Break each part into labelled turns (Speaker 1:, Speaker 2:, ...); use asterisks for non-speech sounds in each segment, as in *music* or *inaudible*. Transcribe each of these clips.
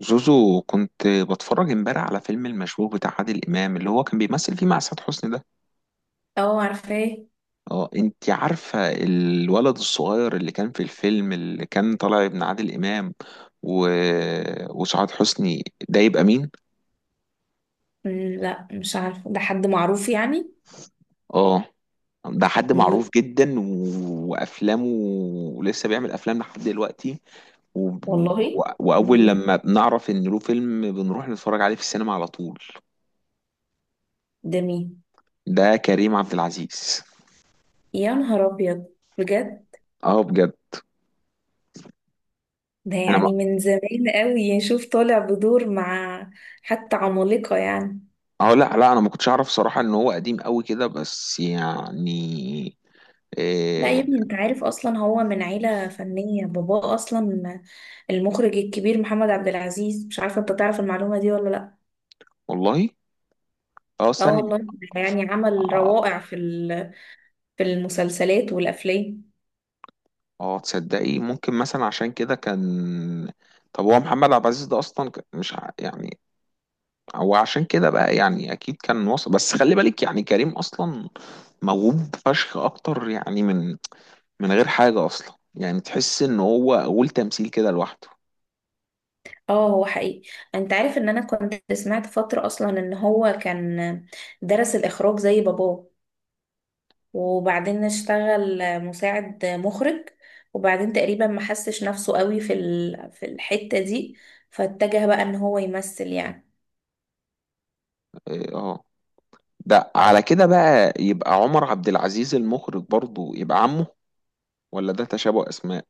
Speaker 1: زوزو، كنت بتفرج امبارح على فيلم المشبوه بتاع عادل امام اللي هو كان بيمثل فيه مع سعاد حسني ده.
Speaker 2: اه، عارفاه.
Speaker 1: اه انت عارفه الولد الصغير اللي كان في الفيلم اللي كان طالع ابن عادل امام و... وسعاد حسني ده يبقى مين؟
Speaker 2: مم. لا، مش عارفه، ده حد معروف يعني؟
Speaker 1: اه ده حد
Speaker 2: مين؟
Speaker 1: معروف جدا وافلامه، ولسه بيعمل افلام لحد دلوقتي. و...
Speaker 2: والله؟
Speaker 1: واول
Speaker 2: مين؟
Speaker 1: لما بنعرف ان له فيلم بنروح نتفرج عليه في السينما على طول.
Speaker 2: ده مين؟
Speaker 1: ده كريم عبد العزيز.
Speaker 2: يا نهار ابيض! بجد؟
Speaker 1: اه بجد.
Speaker 2: ده
Speaker 1: انا
Speaker 2: يعني من زمان قوي، شوف طالع بدور مع حتى عمالقه يعني.
Speaker 1: اه، لا لا، انا ما كنتش اعرف صراحة ان هو قديم قوي كده، بس يعني
Speaker 2: لا يا
Speaker 1: إيه.
Speaker 2: ابني، انت عارف اصلا هو من عيله فنيه، باباه اصلا المخرج الكبير محمد عبد العزيز، مش عارفه. انت تعرف المعلومه دي ولا لا؟
Speaker 1: والله اه
Speaker 2: اه
Speaker 1: ثانية.
Speaker 2: والله. يعني عمل
Speaker 1: اه
Speaker 2: روائع في المسلسلات والافلام.
Speaker 1: اه تصدقي ممكن مثلا عشان كده كان. طب هو محمد عبد العزيز ده اصلا ك- مش ع- يعني هو عشان كده بقى يعني اكيد كان وصل، بس خلي بالك يعني كريم اصلا موهوب فشخ اكتر يعني من من غير حاجة اصلا، يعني تحس ان هو قول تمثيل كده لوحده.
Speaker 2: اه، هو حقيقي. انت عارف ان انا كنت سمعت فترة اصلا ان هو كان درس الاخراج زي باباه، وبعدين اشتغل مساعد مخرج، وبعدين تقريبا ما حسش نفسه قوي في الحتة دي، فاتجه بقى ان هو يمثل يعني.
Speaker 1: إيه، اه، ده على كده بقى يبقى عمر عبد العزيز المخرج برضو يبقى عمه، ولا ده تشابه اسماء؟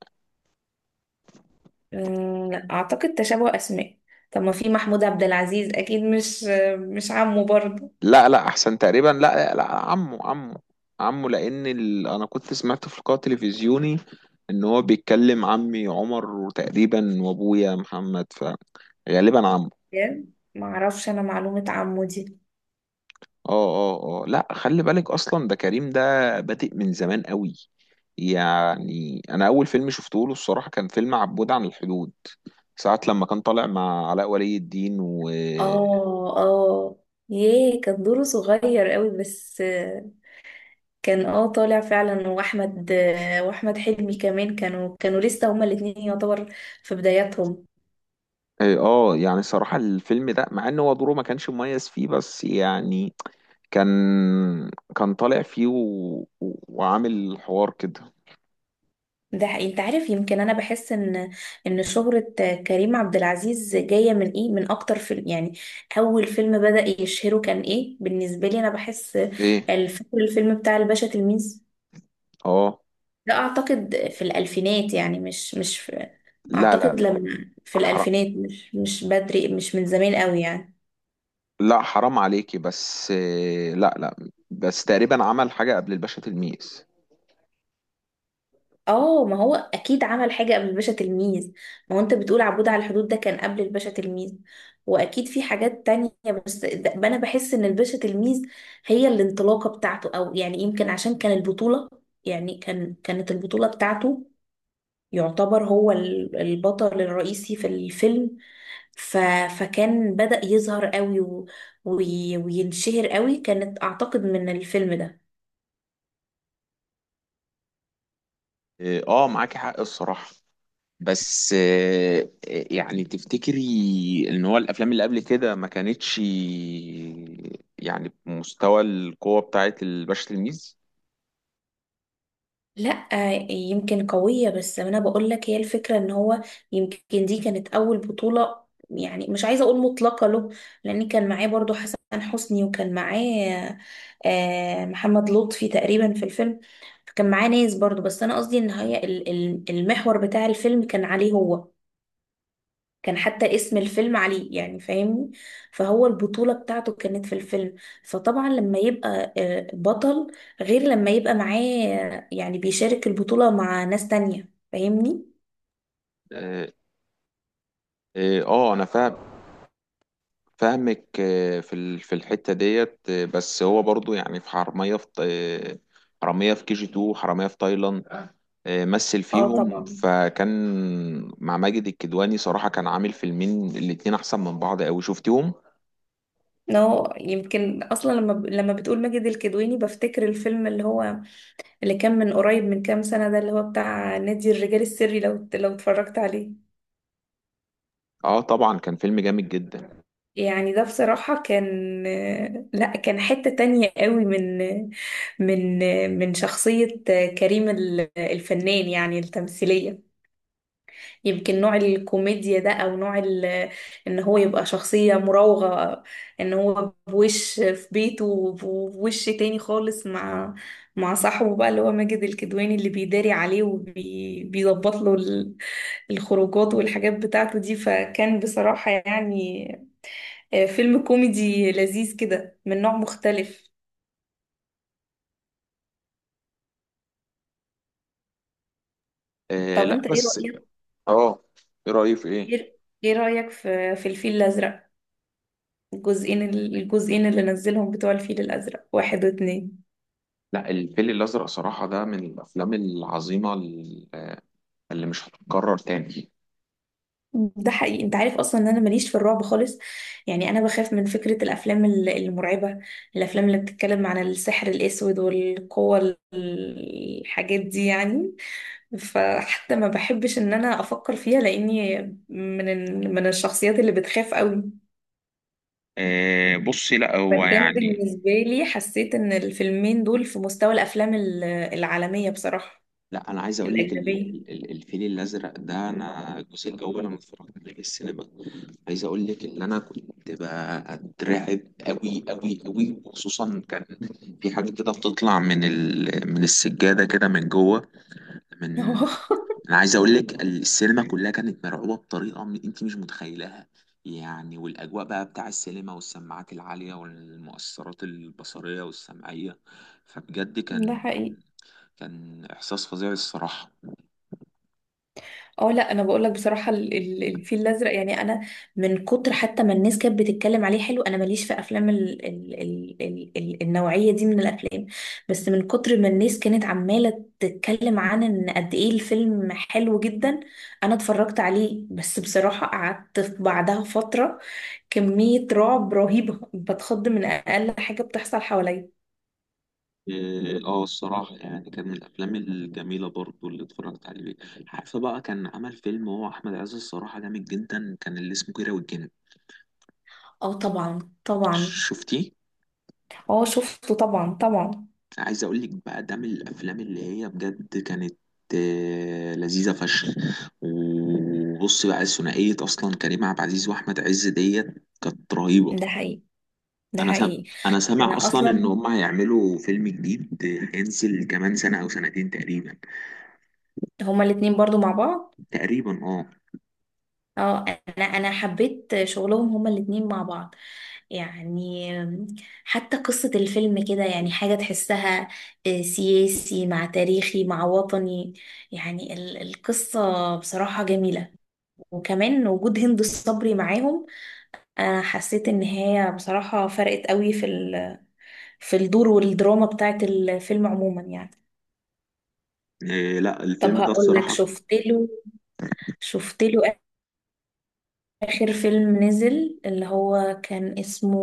Speaker 2: لا، اعتقد تشابه اسماء. طب، ما في محمود عبد العزيز، اكيد مش عمه برضه.
Speaker 1: لا لا، احسن تقريبا، لا لا، عمه عمه. عمه لان انا كنت سمعت في لقاء تلفزيوني ان هو بيتكلم عمي عمر، وتقريبا وابويا محمد، فغالبا عمه.
Speaker 2: يعني، ما اعرفش انا معلومة عمه دي.
Speaker 1: اه اه اه، لا خلي بالك، اصلا ده كريم ده بادئ من زمان قوي. يعني انا اول فيلم شفته له الصراحه كان فيلم عبود عن الحدود، ساعه لما كان طالع مع علاء ولي الدين و
Speaker 2: اه، اه. ياه، كان دوره صغير قوي بس، كان طالع فعلا، واحمد حلمي كمان كانوا لسه هما الاتنين يعتبر في بداياتهم.
Speaker 1: اه. يعني صراحه الفيلم ده مع ان هو دوره ما كانش مميز فيه، بس يعني كان، كان طالع فيه وعامل حوار كده.
Speaker 2: ده حقيقي. انت عارف، يمكن انا بحس ان شهرة كريم عبد العزيز جاية من ايه، من اكتر فيلم يعني، اول فيلم بدأ يشهره كان ايه؟ بالنسبة لي انا بحس،
Speaker 1: ايه
Speaker 2: فاكر الفيلم بتاع الباشا تلميذ؟
Speaker 1: اه،
Speaker 2: ده اعتقد في الالفينات يعني، مش في،
Speaker 1: لا لا
Speaker 2: اعتقد
Speaker 1: لا.
Speaker 2: لما في
Speaker 1: حرام،
Speaker 2: الالفينات، مش بدري، مش من زمان قوي يعني.
Speaker 1: لا حرام عليكي، بس لا لا، بس تقريبا عمل حاجة قبل الباشا تلميذ.
Speaker 2: اه، ما هو اكيد عمل حاجه قبل الباشا تلميذ. ما هو انت بتقول عبود على الحدود، ده كان قبل الباشا تلميذ، واكيد في حاجات تانية. بس انا بحس ان الباشا تلميذ هي الانطلاقه بتاعته، او يعني يمكن عشان كان البطوله، يعني كانت البطوله بتاعته، يعتبر هو البطل الرئيسي في الفيلم، ف فكان بدأ يظهر قوي وينشهر قوي، كانت اعتقد من الفيلم ده.
Speaker 1: اه معاكي حق الصراحة. بس يعني تفتكري ان هو الافلام اللي قبل كده ما كانتش يعني بمستوى القوة بتاعت الباشا تلميذ؟
Speaker 2: لا، يمكن قوية، بس أنا بقول لك هي الفكرة إن هو، يمكن دي كانت أول بطولة، يعني مش عايزة أقول مطلقة له، لأن كان معاه برضو حسن حسني، وكان معاه محمد لطفي تقريبا في الفيلم. فكان معاه ناس برضو، بس أنا قصدي إن هي المحور بتاع الفيلم كان عليه هو، كان حتى اسم الفيلم عليه يعني، فاهمني؟ فهو البطولة بتاعته كانت في الفيلم، فطبعا لما يبقى بطل غير لما يبقى معاه، يعني بيشارك البطولة مع ناس تانية، فاهمني؟
Speaker 1: اه انا فاهم، فاهمك في في الحتة ديت، بس هو برضو يعني في حرامية في حرامية في كي جي 2، حرامية في تايلاند. مثل
Speaker 2: اه
Speaker 1: فيهم،
Speaker 2: طبعا.
Speaker 1: فكان مع ماجد الكدواني صراحة كان عامل فيلمين، الاتنين أحسن من بعض أوي. شفتيهم؟
Speaker 2: نو، يمكن اصلا لما بتقول ماجد الكدواني بفتكر الفيلم اللي كان من قريب، من كام سنة، ده اللي هو بتاع نادي الرجال السري، لو اتفرجت عليه؟
Speaker 1: اه طبعا كان فيلم جامد جدا.
Speaker 2: يعني ده بصراحة كان، لا، كان حتة تانية قوي من من شخصية كريم الفنان يعني التمثيلية. يمكن نوع الكوميديا ده، أو نوع إن هو يبقى شخصية مراوغة، إن هو بوش في بيته وبوش تاني خالص، مع صاحبه بقى، اللي هو ماجد الكدواني اللي بيداري عليه وبيظبط له الخروجات والحاجات بتاعته دي، فكان بصراحة يعني فيلم كوميدي لذيذ كده من نوع مختلف. طب،
Speaker 1: لا
Speaker 2: انت ايه
Speaker 1: بس
Speaker 2: رأيك؟
Speaker 1: اه، ايه رأيك في ايه؟
Speaker 2: ايه؟ إيه رأيك في الفيل الأزرق، الجزئين اللي نزلهم بتوع الفيل الأزرق واحد واتنين؟
Speaker 1: لا، الفيل الأزرق صراحة ده من الأفلام العظيمة اللي مش هتتكرر تاني.
Speaker 2: ده حقيقي. انت عارف اصلا ان انا ماليش في الرعب خالص، يعني انا بخاف من فكرة الافلام المرعبة، الافلام اللي بتتكلم عن السحر الاسود والقوة الحاجات دي يعني، فحتى ما بحبش ان انا افكر فيها، لاني من الشخصيات اللي بتخاف قوي.
Speaker 1: بصي لا هو
Speaker 2: فكان
Speaker 1: يعني،
Speaker 2: بالنسبة لي، حسيت ان الفيلمين دول في مستوى الافلام العالمية بصراحة،
Speaker 1: لا انا عايز اقول لك
Speaker 2: الاجنبية.
Speaker 1: الفيل الازرق ده، انا الجزء الاول انا اتفرجت عليه في السينما. عايز اقول لك ان انا كنت بترعب قوي قوي قوي، وخصوصا كان في حاجه كده بتطلع من من السجاده كده من جوه، من،
Speaker 2: *laughs*
Speaker 1: انا عايز اقول لك السينما كلها كانت مرعوبه بطريقه انت مش متخيلها يعني. والاجواء بقى بتاع السينما والسماعات العاليه والمؤثرات البصريه والسمعيه، فبجد
Speaker 2: ده
Speaker 1: كان،
Speaker 2: حقيقي.
Speaker 1: كان احساس فظيع الصراحه.
Speaker 2: اه، لا، انا بقول لك بصراحه الفيل الازرق، يعني انا من كتر حتى ما الناس كانت بتتكلم عليه حلو، انا ماليش في افلام ال ال ال ال ال النوعيه دي من الافلام، بس من كتر ما الناس كانت عماله تتكلم عن ان قد ايه الفيلم حلو جدا، انا اتفرجت عليه، بس بصراحه قعدت في بعدها فتره كميه رعب رهيبه، بتخض من اقل حاجه بتحصل حواليا.
Speaker 1: اه الصراحة يعني كان من الأفلام الجميلة برضو اللي اتفرجت عليه. عارفة بقى كان عمل فيلم هو أحمد عز الصراحة جامد جدا كان، اللي اسمه كيرة والجن؟
Speaker 2: اه، طبعا طبعا.
Speaker 1: شفتيه؟
Speaker 2: اه، شفته طبعا طبعا.
Speaker 1: عايز أقول لك بقى ده من الأفلام اللي هي بجد كانت لذيذة فشخ. وبص بقى، الثنائية أصلا كريم عبد العزيز وأحمد عز ديت كانت رهيبة.
Speaker 2: ده حقيقي. ده
Speaker 1: أنا سامع
Speaker 2: حقيقي.
Speaker 1: أنا سامع
Speaker 2: انا
Speaker 1: أصلا إن
Speaker 2: اصلا،
Speaker 1: هما هيعملوا فيلم جديد هينزل كمان سنة أو سنتين تقريبا.
Speaker 2: هما الاتنين برضو مع بعض.
Speaker 1: تقريبا اه.
Speaker 2: اه، انا حبيت شغلهم هما الاتنين مع بعض يعني، حتى قصة الفيلم كده، يعني حاجة تحسها، سياسي مع تاريخي مع وطني، يعني القصة بصراحة جميلة، وكمان وجود هند الصبري معاهم. انا حسيت ان هي بصراحة فرقت قوي في الدور والدراما بتاعت الفيلم عموما يعني.
Speaker 1: إيه لا،
Speaker 2: طب،
Speaker 1: الفيلم ده
Speaker 2: هقول لك،
Speaker 1: الصراحة،
Speaker 2: شفت له آخر فيلم نزل اللي هو كان اسمه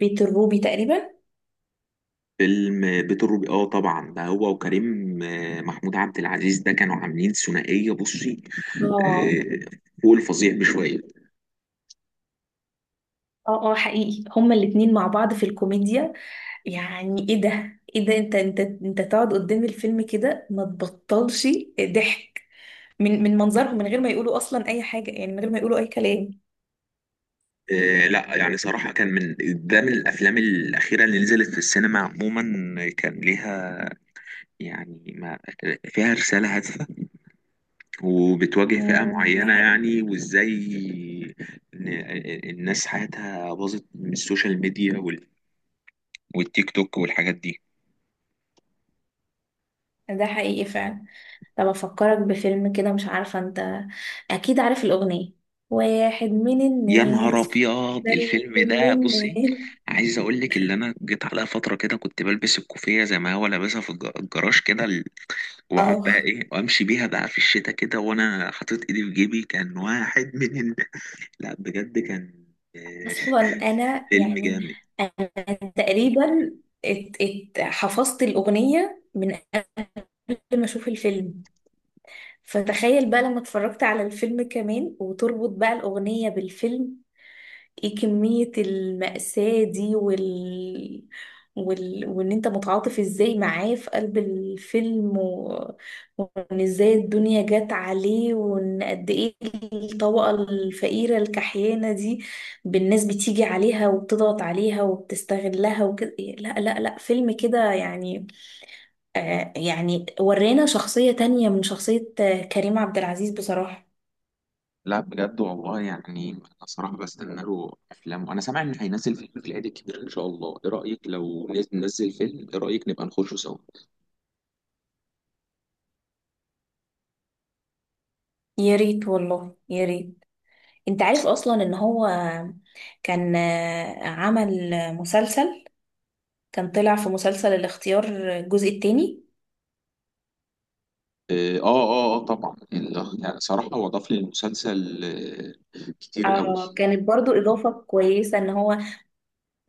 Speaker 2: بيت الروبي تقريبا؟
Speaker 1: فيلم بيت الروبي، اه طبعا ده هو وكريم محمود عبد العزيز ده كانوا عاملين ثنائية بصي
Speaker 2: اه،
Speaker 1: آه، فوق الفظيع بشوية.
Speaker 2: اه، اه، حقيقي هما الاتنين مع بعض في الكوميديا، يعني ايه ده، ايه ده، انت تقعد قدام الفيلم كده ما تبطلش ضحك من منظرهم، من غير ما يقولوا اصلا اي حاجة، يعني من غير ما يقولوا اي كلام.
Speaker 1: لا يعني صراحة كان من، ده من الأفلام الأخيرة اللي نزلت في السينما عموما كان ليها يعني ما فيها رسالة هادفة، وبتواجه فئة
Speaker 2: ده
Speaker 1: معينة
Speaker 2: حقيقي.
Speaker 1: يعني، وإزاي الناس حياتها باظت من السوشيال ميديا والتيك توك والحاجات دي.
Speaker 2: ده حقيقي فعلا. طب، افكرك بفيلم كده، مش عارفة انت اكيد عارف الأغنية؟ واحد من
Speaker 1: يا نهار
Speaker 2: الناس،
Speaker 1: ابيض
Speaker 2: زي
Speaker 1: الفيلم
Speaker 2: كل
Speaker 1: ده بصي،
Speaker 2: الناس.
Speaker 1: عايز اقول لك اللي انا جيت عليا فتره كده كنت بلبس الكوفيه زي ما هو لابسها في الجراج كده واقعد بقى
Speaker 2: اه،
Speaker 1: ايه وامشي بيها بقى في الشتاء كده وانا حاطط ايدي في جيبي، كان واحد من لا بجد كان آه،
Speaker 2: اصلا انا
Speaker 1: فيلم
Speaker 2: يعني،
Speaker 1: جامد.
Speaker 2: انا تقريبا ات ات حفظت الاغنيه من قبل ما اشوف الفيلم، فتخيل بقى لما اتفرجت على الفيلم كمان، وتربط بقى الاغنيه بالفيلم، ايه كمية المأساة دي وان انت متعاطف ازاي معاه في قلب الفيلم، وان ازاي الدنيا جت عليه، وان قد ايه الطبقة الفقيرة الكحيانة دي بالناس، بتيجي عليها وبتضغط عليها وبتستغلها وكده. لا، لا، لا، فيلم كده يعني يعني ورينا شخصية تانية من شخصية كريم عبد العزيز بصراحة.
Speaker 1: لا بجد والله، يعني انا صراحه بستنى له افلام، وانا سامع ان هينزل فيلم في العيد الكبير ان شاء الله. ايه رايك ننزل فيلم؟ ايه رايك نبقى نخشه سوا؟
Speaker 2: يا ريت والله يا ريت. انت عارف اصلا ان هو كان عمل مسلسل، كان طلع في مسلسل الاختيار الجزء التاني.
Speaker 1: اه اه اه طبعا يعني صراحة هو ضاف للمسلسل كتير قوي.
Speaker 2: اه، كانت برضو اضافة كويسة، ان هو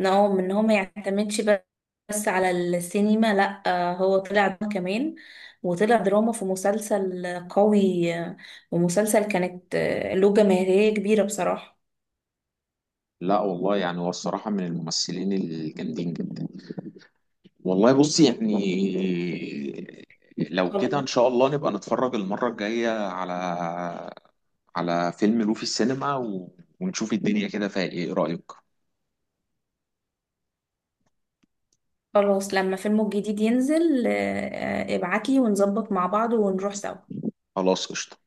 Speaker 2: ان هو ان هو ما يعتمدش بس على السينما، لا، هو طلع دراما كمان، وطلع دراما في مسلسل قوي، ومسلسل كانت له جماهيرية كبيرة بصراحة.
Speaker 1: لا والله، يعني هو الصراحة من الممثلين الجامدين جدا. والله بص يعني، لو كده
Speaker 2: خلاص.
Speaker 1: ان شاء الله نبقى نتفرج المرة الجاية على، على فيلم لوفي السينما ونشوف الدنيا كده فيها ايه. إيه رأيك؟
Speaker 2: خلاص، لما فيلمه الجديد ينزل ابعتلي ونظبط مع بعض ونروح سوا.
Speaker 1: خلاص قشطة.